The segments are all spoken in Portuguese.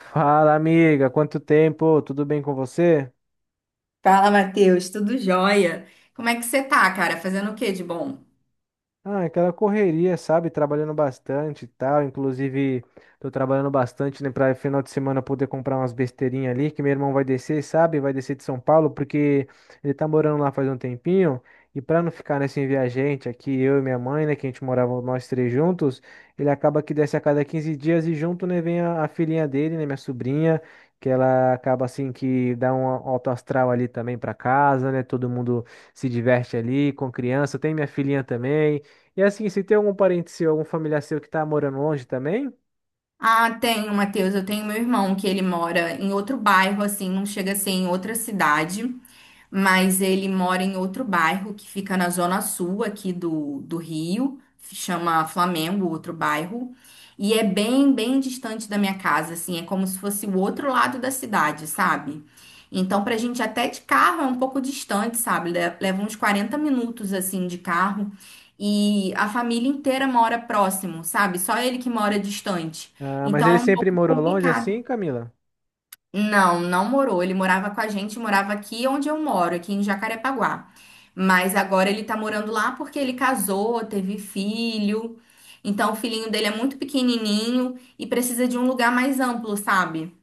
Fala, amiga, quanto tempo? Tudo bem com você? Fala, Matheus, tudo jóia? Como é que você tá, cara? Fazendo o que de bom? Ah, aquela correria, sabe? Trabalhando bastante e tal. Inclusive, tô trabalhando bastante, né? Pra final de semana poder comprar umas besteirinhas ali, que meu irmão vai descer, sabe? Vai descer de São Paulo, porque ele tá morando lá faz um tempinho. E pra não ficar, né, sem ver a gente aqui, eu e minha mãe, né? Que a gente morava nós três juntos, ele acaba que desce a cada 15 dias e junto, né, vem a filhinha dele, né? Minha sobrinha, que ela acaba assim que dá um alto astral ali também pra casa, né? Todo mundo se diverte ali com criança. Tem minha filhinha também. E assim, se tem algum parente seu, algum familiar seu que tá morando longe também? Ah, tenho, Matheus. Eu tenho meu irmão que ele mora em outro bairro, assim, não chega a ser em outra cidade, mas ele mora em outro bairro que fica na zona sul aqui do Rio, chama Flamengo, outro bairro, e é bem, bem distante da minha casa, assim, é como se fosse o outro lado da cidade, sabe? Então, pra gente até de carro é um pouco distante, sabe? Leva uns 40 minutos, assim, de carro. E a família inteira mora próximo, sabe? Só ele que mora distante. Ah, mas Então é ele um sempre pouco morou longe complicado. assim, Camila? Não, não morou. Ele morava com a gente, morava aqui onde eu moro, aqui em Jacarepaguá. Mas agora ele tá morando lá porque ele casou, teve filho. Então o filhinho dele é muito pequenininho e precisa de um lugar mais amplo, sabe?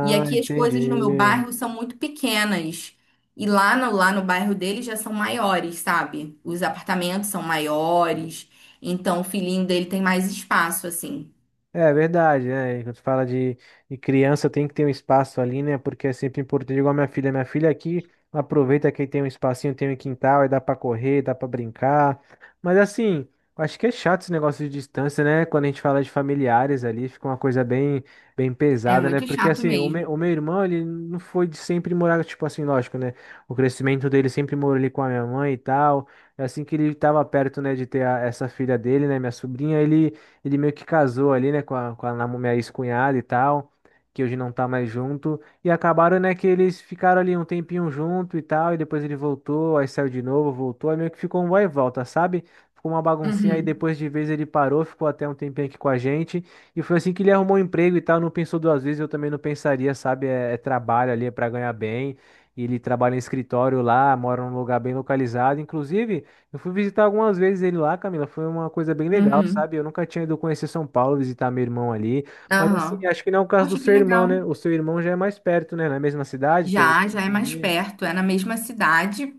E aqui as coisas no meu entendi. bairro são muito pequenas. E lá no bairro dele já são maiores, sabe? Os apartamentos são maiores. Então o filhinho dele tem mais espaço, assim. É verdade, né? E quando fala de criança, tem que ter um espaço ali, né? Porque é sempre importante. Igual minha filha aqui ela aproveita que tem um espacinho, tem um quintal, aí dá pra correr, dá pra brincar. Mas assim, eu acho que é chato esse negócio de distância, né? Quando a gente fala de familiares ali, fica uma coisa bem, bem É pesada, né? muito Porque chato assim, o, me, mesmo. o meu irmão, ele não foi de sempre morar, tipo assim, lógico, né? O crescimento dele sempre morou ali com a minha mãe e tal. É assim que ele tava perto, né, de ter essa filha dele, né, minha sobrinha, ele meio que casou ali, né, com a minha ex-cunhada e tal, que hoje não tá mais junto. E acabaram, né, que eles ficaram ali um tempinho junto e tal, e depois ele voltou, aí saiu de novo, voltou, aí meio que ficou um vai e volta, sabe? Ficou uma baguncinha, aí Uhum. depois de vez ele parou, ficou até um tempinho aqui com a gente. E foi assim que ele arrumou um emprego e tal, não pensou duas vezes, eu também não pensaria, sabe? É trabalho ali, é pra ganhar bem. E ele trabalha em escritório lá, mora num lugar bem localizado. Inclusive, eu fui visitar algumas vezes ele lá, Camila. Foi uma coisa bem legal, Uhum. sabe? Eu nunca tinha ido conhecer São Paulo, visitar meu irmão ali. Mas assim, Aham. acho que não é o caso do Poxa, que seu irmão, legal. né? O seu irmão já é mais perto, né? Na mesma cidade, pelo que Já, eu já é mais entendi. perto, é na mesma cidade,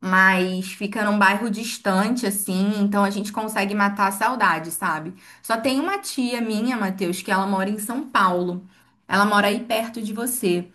mas fica num bairro distante, assim, então a gente consegue matar a saudade, sabe? Só tem uma tia minha, Matheus, que ela mora em São Paulo. Ela mora aí perto de você.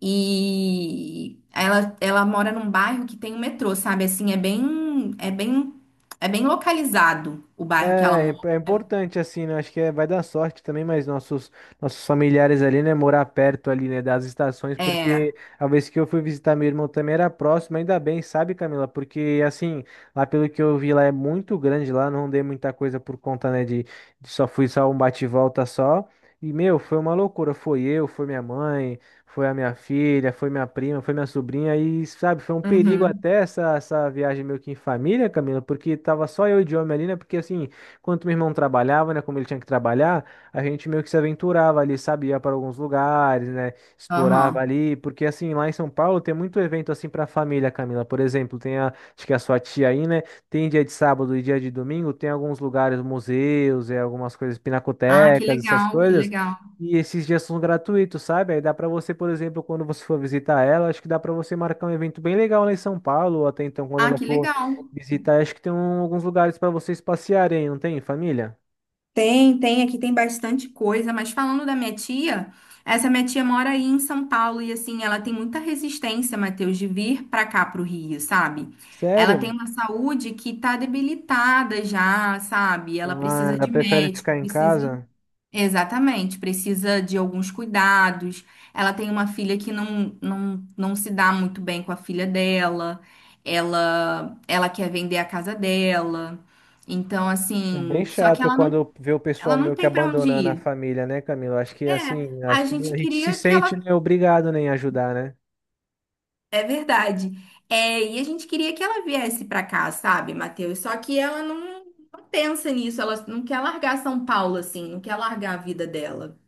E ela mora num bairro que tem o metrô, sabe? Assim, é bem, é bem, é bem localizado o bairro que ela É, é mora. imp- é importante assim, né? Acho que vai dar sorte também, mas nossos familiares ali, né, morar perto ali, né, das estações, É. porque a vez que eu fui visitar meu irmão também era próximo, ainda bem, sabe, Camila? Porque assim, lá pelo que eu vi lá é muito grande lá, não dei muita coisa por conta, né, de só fui só um bate e volta só. E meu, foi uma loucura, foi eu, foi minha mãe, foi a minha filha, foi minha prima, foi minha sobrinha e, sabe, foi um perigo Uhum. até essa viagem meio que em família, Camila, porque tava só eu e o homem ali, né? Porque assim, enquanto meu irmão trabalhava, né? Como ele tinha que trabalhar, a gente meio que se aventurava ali, sabia, para alguns lugares, né? Explorava Aham. ali, porque assim, lá em São Paulo tem muito evento assim para família, Camila. Por exemplo, tem a, acho que é a sua tia aí, né? Tem dia de sábado e dia de domingo, tem alguns lugares, museus, e algumas coisas, Ah, que pinacotecas, essas legal, que coisas. legal. E esses dias são gratuitos, sabe? Aí dá para você, por exemplo, quando você for visitar ela, acho que dá para você marcar um evento bem legal lá em São Paulo, ou até então quando Ah, ela que for legal. visitar, acho que tem alguns lugares para vocês passearem, não tem, família? Tem, tem, aqui tem bastante coisa, mas falando da minha tia, essa minha tia mora aí em São Paulo e assim, ela tem muita resistência, Matheus, de vir pra cá pro Rio, sabe? Ela tem Sério? uma saúde que tá debilitada já, sabe? Ela Ah, precisa ela de prefere médico, ficar em precisa. casa? Exatamente, precisa de alguns cuidados. Ela tem uma filha que não se dá muito bem com a filha dela. Ela quer vender a casa dela. Então, É bem assim, só que chato quando vê o ela pessoal não meio que tem para onde abandonando a ir. família, né, Camilo? Acho que É, assim, a acho que gente a gente se queria que ela. sente, né, obrigado, né, em ajudar, né? É verdade. É, e a gente queria que ela viesse para cá, sabe, Matheus? Só que ela não pensa nisso. Ela não quer largar São Paulo, assim, não quer largar a vida dela,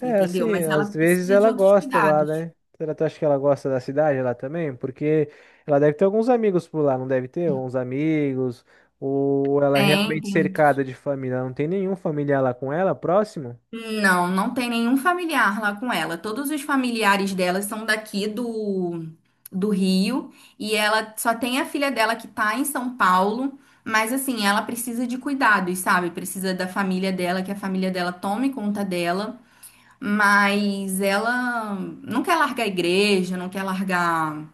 É, entendeu? assim, Mas às ela vezes precisa de ela outros gosta lá, cuidados. né? Será que tu acha que ela gosta da cidade lá também? Porque ela deve ter alguns amigos por lá, não deve ter? Uns amigos, ou ela é Tem, realmente tem muito. cercada de família, ela não tem nenhum familiar lá com ela, próximo? Não, não tem nenhum familiar lá com ela. Todos os familiares dela são daqui do Rio e ela só tem a filha dela que tá em São Paulo, mas assim, ela precisa de cuidados, sabe? Precisa da família dela, que a família dela tome conta dela, mas ela não quer largar a igreja, não quer largar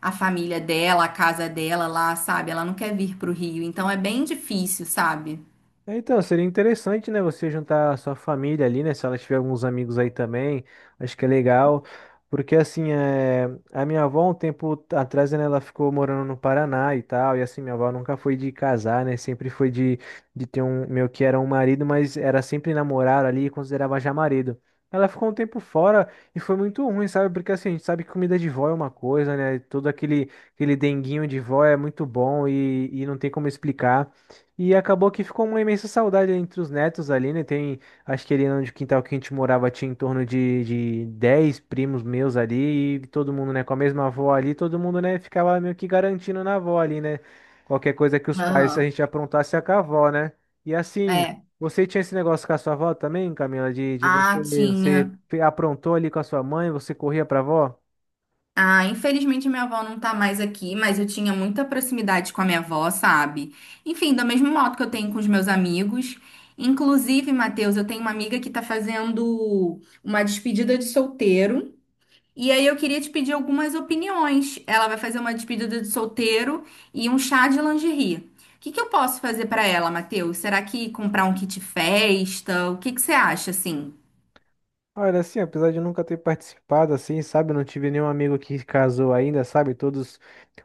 a família dela, a casa dela lá, sabe? Ela não quer vir pro Rio, então é bem difícil, sabe? É, então, seria interessante, né, você juntar a sua família ali, né, se ela tiver alguns amigos aí também, acho que é legal, porque assim, é, a minha avó um tempo atrás, né, ela ficou morando no Paraná e tal, e assim, minha avó nunca foi de casar, né, sempre foi de ter um, meu que era um marido, mas era sempre namorar ali e considerava já marido. Ela ficou um tempo fora e foi muito ruim, sabe? Porque assim, a gente sabe que comida de vó é uma coisa, né? Todo aquele denguinho de vó é muito bom e não tem como explicar. E acabou que ficou uma imensa saudade entre os netos ali, né? Tem, acho que ali onde o quintal que a gente morava tinha em torno de 10 primos meus ali, e todo mundo, né, com a mesma avó ali, todo mundo, né, ficava meio que garantindo na avó ali, né? Qualquer coisa que os pais, se a Aham. gente aprontasse, é com a avó, né? E assim, É. você tinha esse negócio com a sua avó também, Camila, de Ah, você tinha. aprontou ali com a sua mãe, você corria pra avó? Ah, infelizmente minha avó não tá mais aqui, mas eu tinha muita proximidade com a minha avó, sabe? Enfim, do mesmo modo que eu tenho com os meus amigos. Inclusive, Matheus, eu tenho uma amiga que tá fazendo uma despedida de solteiro. E aí eu queria te pedir algumas opiniões. Ela vai fazer uma despedida de solteiro e um chá de lingerie. O que que eu posso fazer pra ela, Matheus? Será que comprar um kit festa? O que que você acha, assim? Olha, assim, apesar de eu nunca ter participado, assim, sabe, eu não tive nenhum amigo que casou ainda, sabe, todos,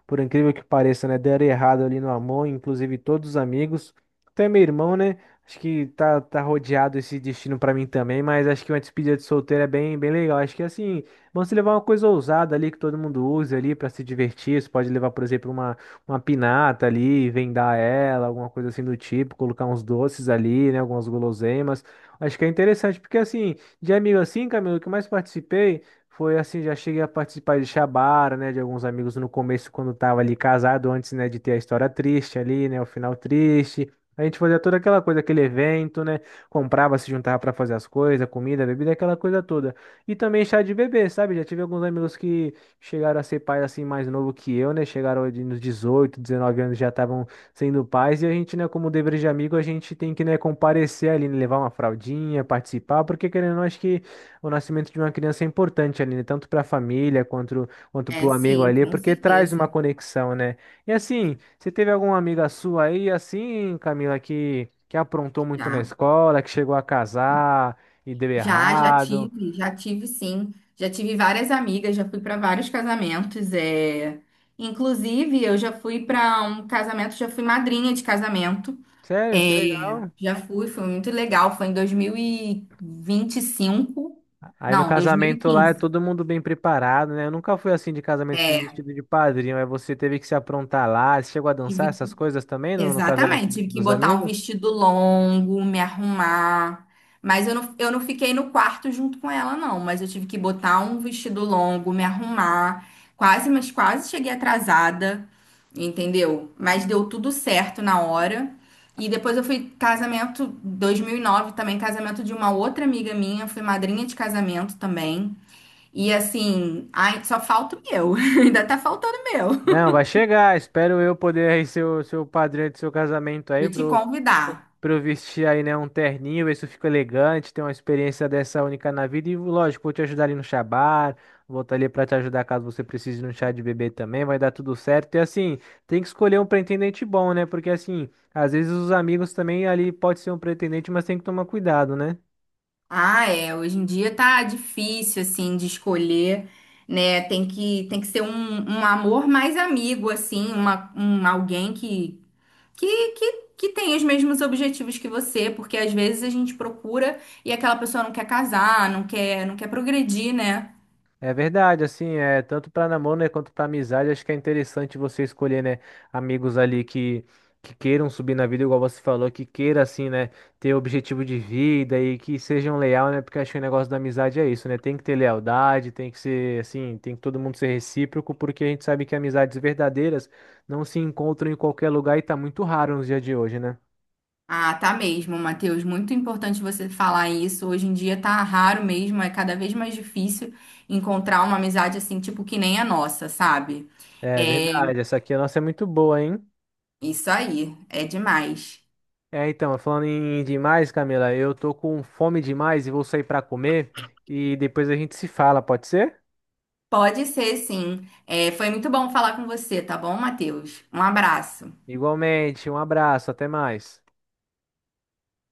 por incrível que pareça, né, deram errado ali no amor, inclusive todos os amigos, até meu irmão, né, acho que tá rodeado esse destino pra mim também, mas acho que uma despedida de solteiro é bem, bem legal, acho que, assim, vamos se levar uma coisa ousada ali, que todo mundo use ali pra se divertir, você pode levar, por exemplo, uma pinata ali, vendar ela, alguma coisa assim do tipo, colocar uns doces ali, né, algumas guloseimas, acho que é interessante, porque, assim, de amigo assim, Camilo, o que eu mais participei foi assim, já cheguei a participar de Xabara, né, de alguns amigos no começo quando tava ali casado, antes, né, de ter a história triste ali, né, o final triste. A gente fazia toda aquela coisa, aquele evento, né, comprava, se juntava pra fazer as coisas, comida, bebida, aquela coisa toda. E também chá de bebê, sabe? Já tive alguns amigos que chegaram a ser pais assim mais novo que eu, né, chegaram ali nos 18 19 anos, já estavam sendo pais, e a gente, né, como dever de amigo, a gente tem que, né, comparecer ali, né, levar uma fraldinha, participar, porque querendo ou não, acho que o nascimento de uma criança é importante ali, né, tanto para a família quanto para É, o amigo sim, ali, com porque traz certeza. uma conexão, né? E assim, você teve alguma amiga sua aí, assim, Camila, que aprontou muito na Já. escola, que chegou a casar e deu Já, já errado? tive, já tive sim. Já tive várias amigas, já fui para vários casamentos. É. Inclusive, eu já fui para um casamento, já fui madrinha de casamento. Sério, que É. legal. Já fui, foi muito legal. Foi em dois mil e vinte e cinco. Aí no Não, casamento lá é 2015. todo mundo bem preparado, né? Eu nunca fui assim de casamento de É, vestido de padrinho, aí você teve que se aprontar lá. Você chegou a dançar tive essas que. coisas também no casamento Exatamente, tive que dos botar um amigos? vestido longo, me arrumar. Mas eu não fiquei no quarto junto com ela, não. Mas eu tive que botar um vestido longo, me arrumar. Quase, mas quase cheguei atrasada, entendeu? Mas deu tudo certo na hora. E depois eu fui casamento 2009 também, casamento de uma outra amiga minha. Fui madrinha de casamento também. E assim, ai, só falta o meu. Ainda tá faltando o meu. Não, vai chegar. Espero eu poder aí ser o padrinho do seu casamento aí Vou te pro, convidar. pro eu vestir aí, né, um terninho, ver se eu fico elegante, ter uma experiência dessa única na vida. E lógico, vou te ajudar ali no chabar, vou estar ali pra te ajudar caso você precise no chá de bebê também, vai dar tudo certo. E assim, tem que escolher um pretendente bom, né? Porque assim, às vezes os amigos também ali pode ser um pretendente, mas tem que tomar cuidado, né? Ah, é. Hoje em dia tá difícil, assim, de escolher, né? Tem que ser um, um amor mais amigo, assim, uma, um alguém que tem os mesmos objetivos que você, porque às vezes a gente procura e aquela pessoa não quer casar, não quer, não quer progredir, né? É verdade, assim, é tanto para namoro, né, quanto para amizade, acho que é interessante você escolher, né, amigos ali que queiram subir na vida, igual você falou, que queira assim, né, ter objetivo de vida e que sejam leal, né, porque acho que o negócio da amizade é isso, né? Tem que ter lealdade, tem que ser assim, tem que todo mundo ser recíproco, porque a gente sabe que amizades verdadeiras não se encontram em qualquer lugar e tá muito raro nos dias de hoje, né? Ah, tá mesmo, Matheus. Muito importante você falar isso. Hoje em dia tá raro mesmo, é cada vez mais difícil encontrar uma amizade assim, tipo, que nem a nossa, sabe? É É, verdade, essa aqui a nossa é muito boa, hein? isso aí, é demais. É, então, falando em demais, Camila, eu tô com fome demais e vou sair pra comer e depois a gente se fala, pode ser? Pode ser, sim. É, foi muito bom falar com você, tá bom, Matheus? Um abraço. Igualmente, um abraço, até mais.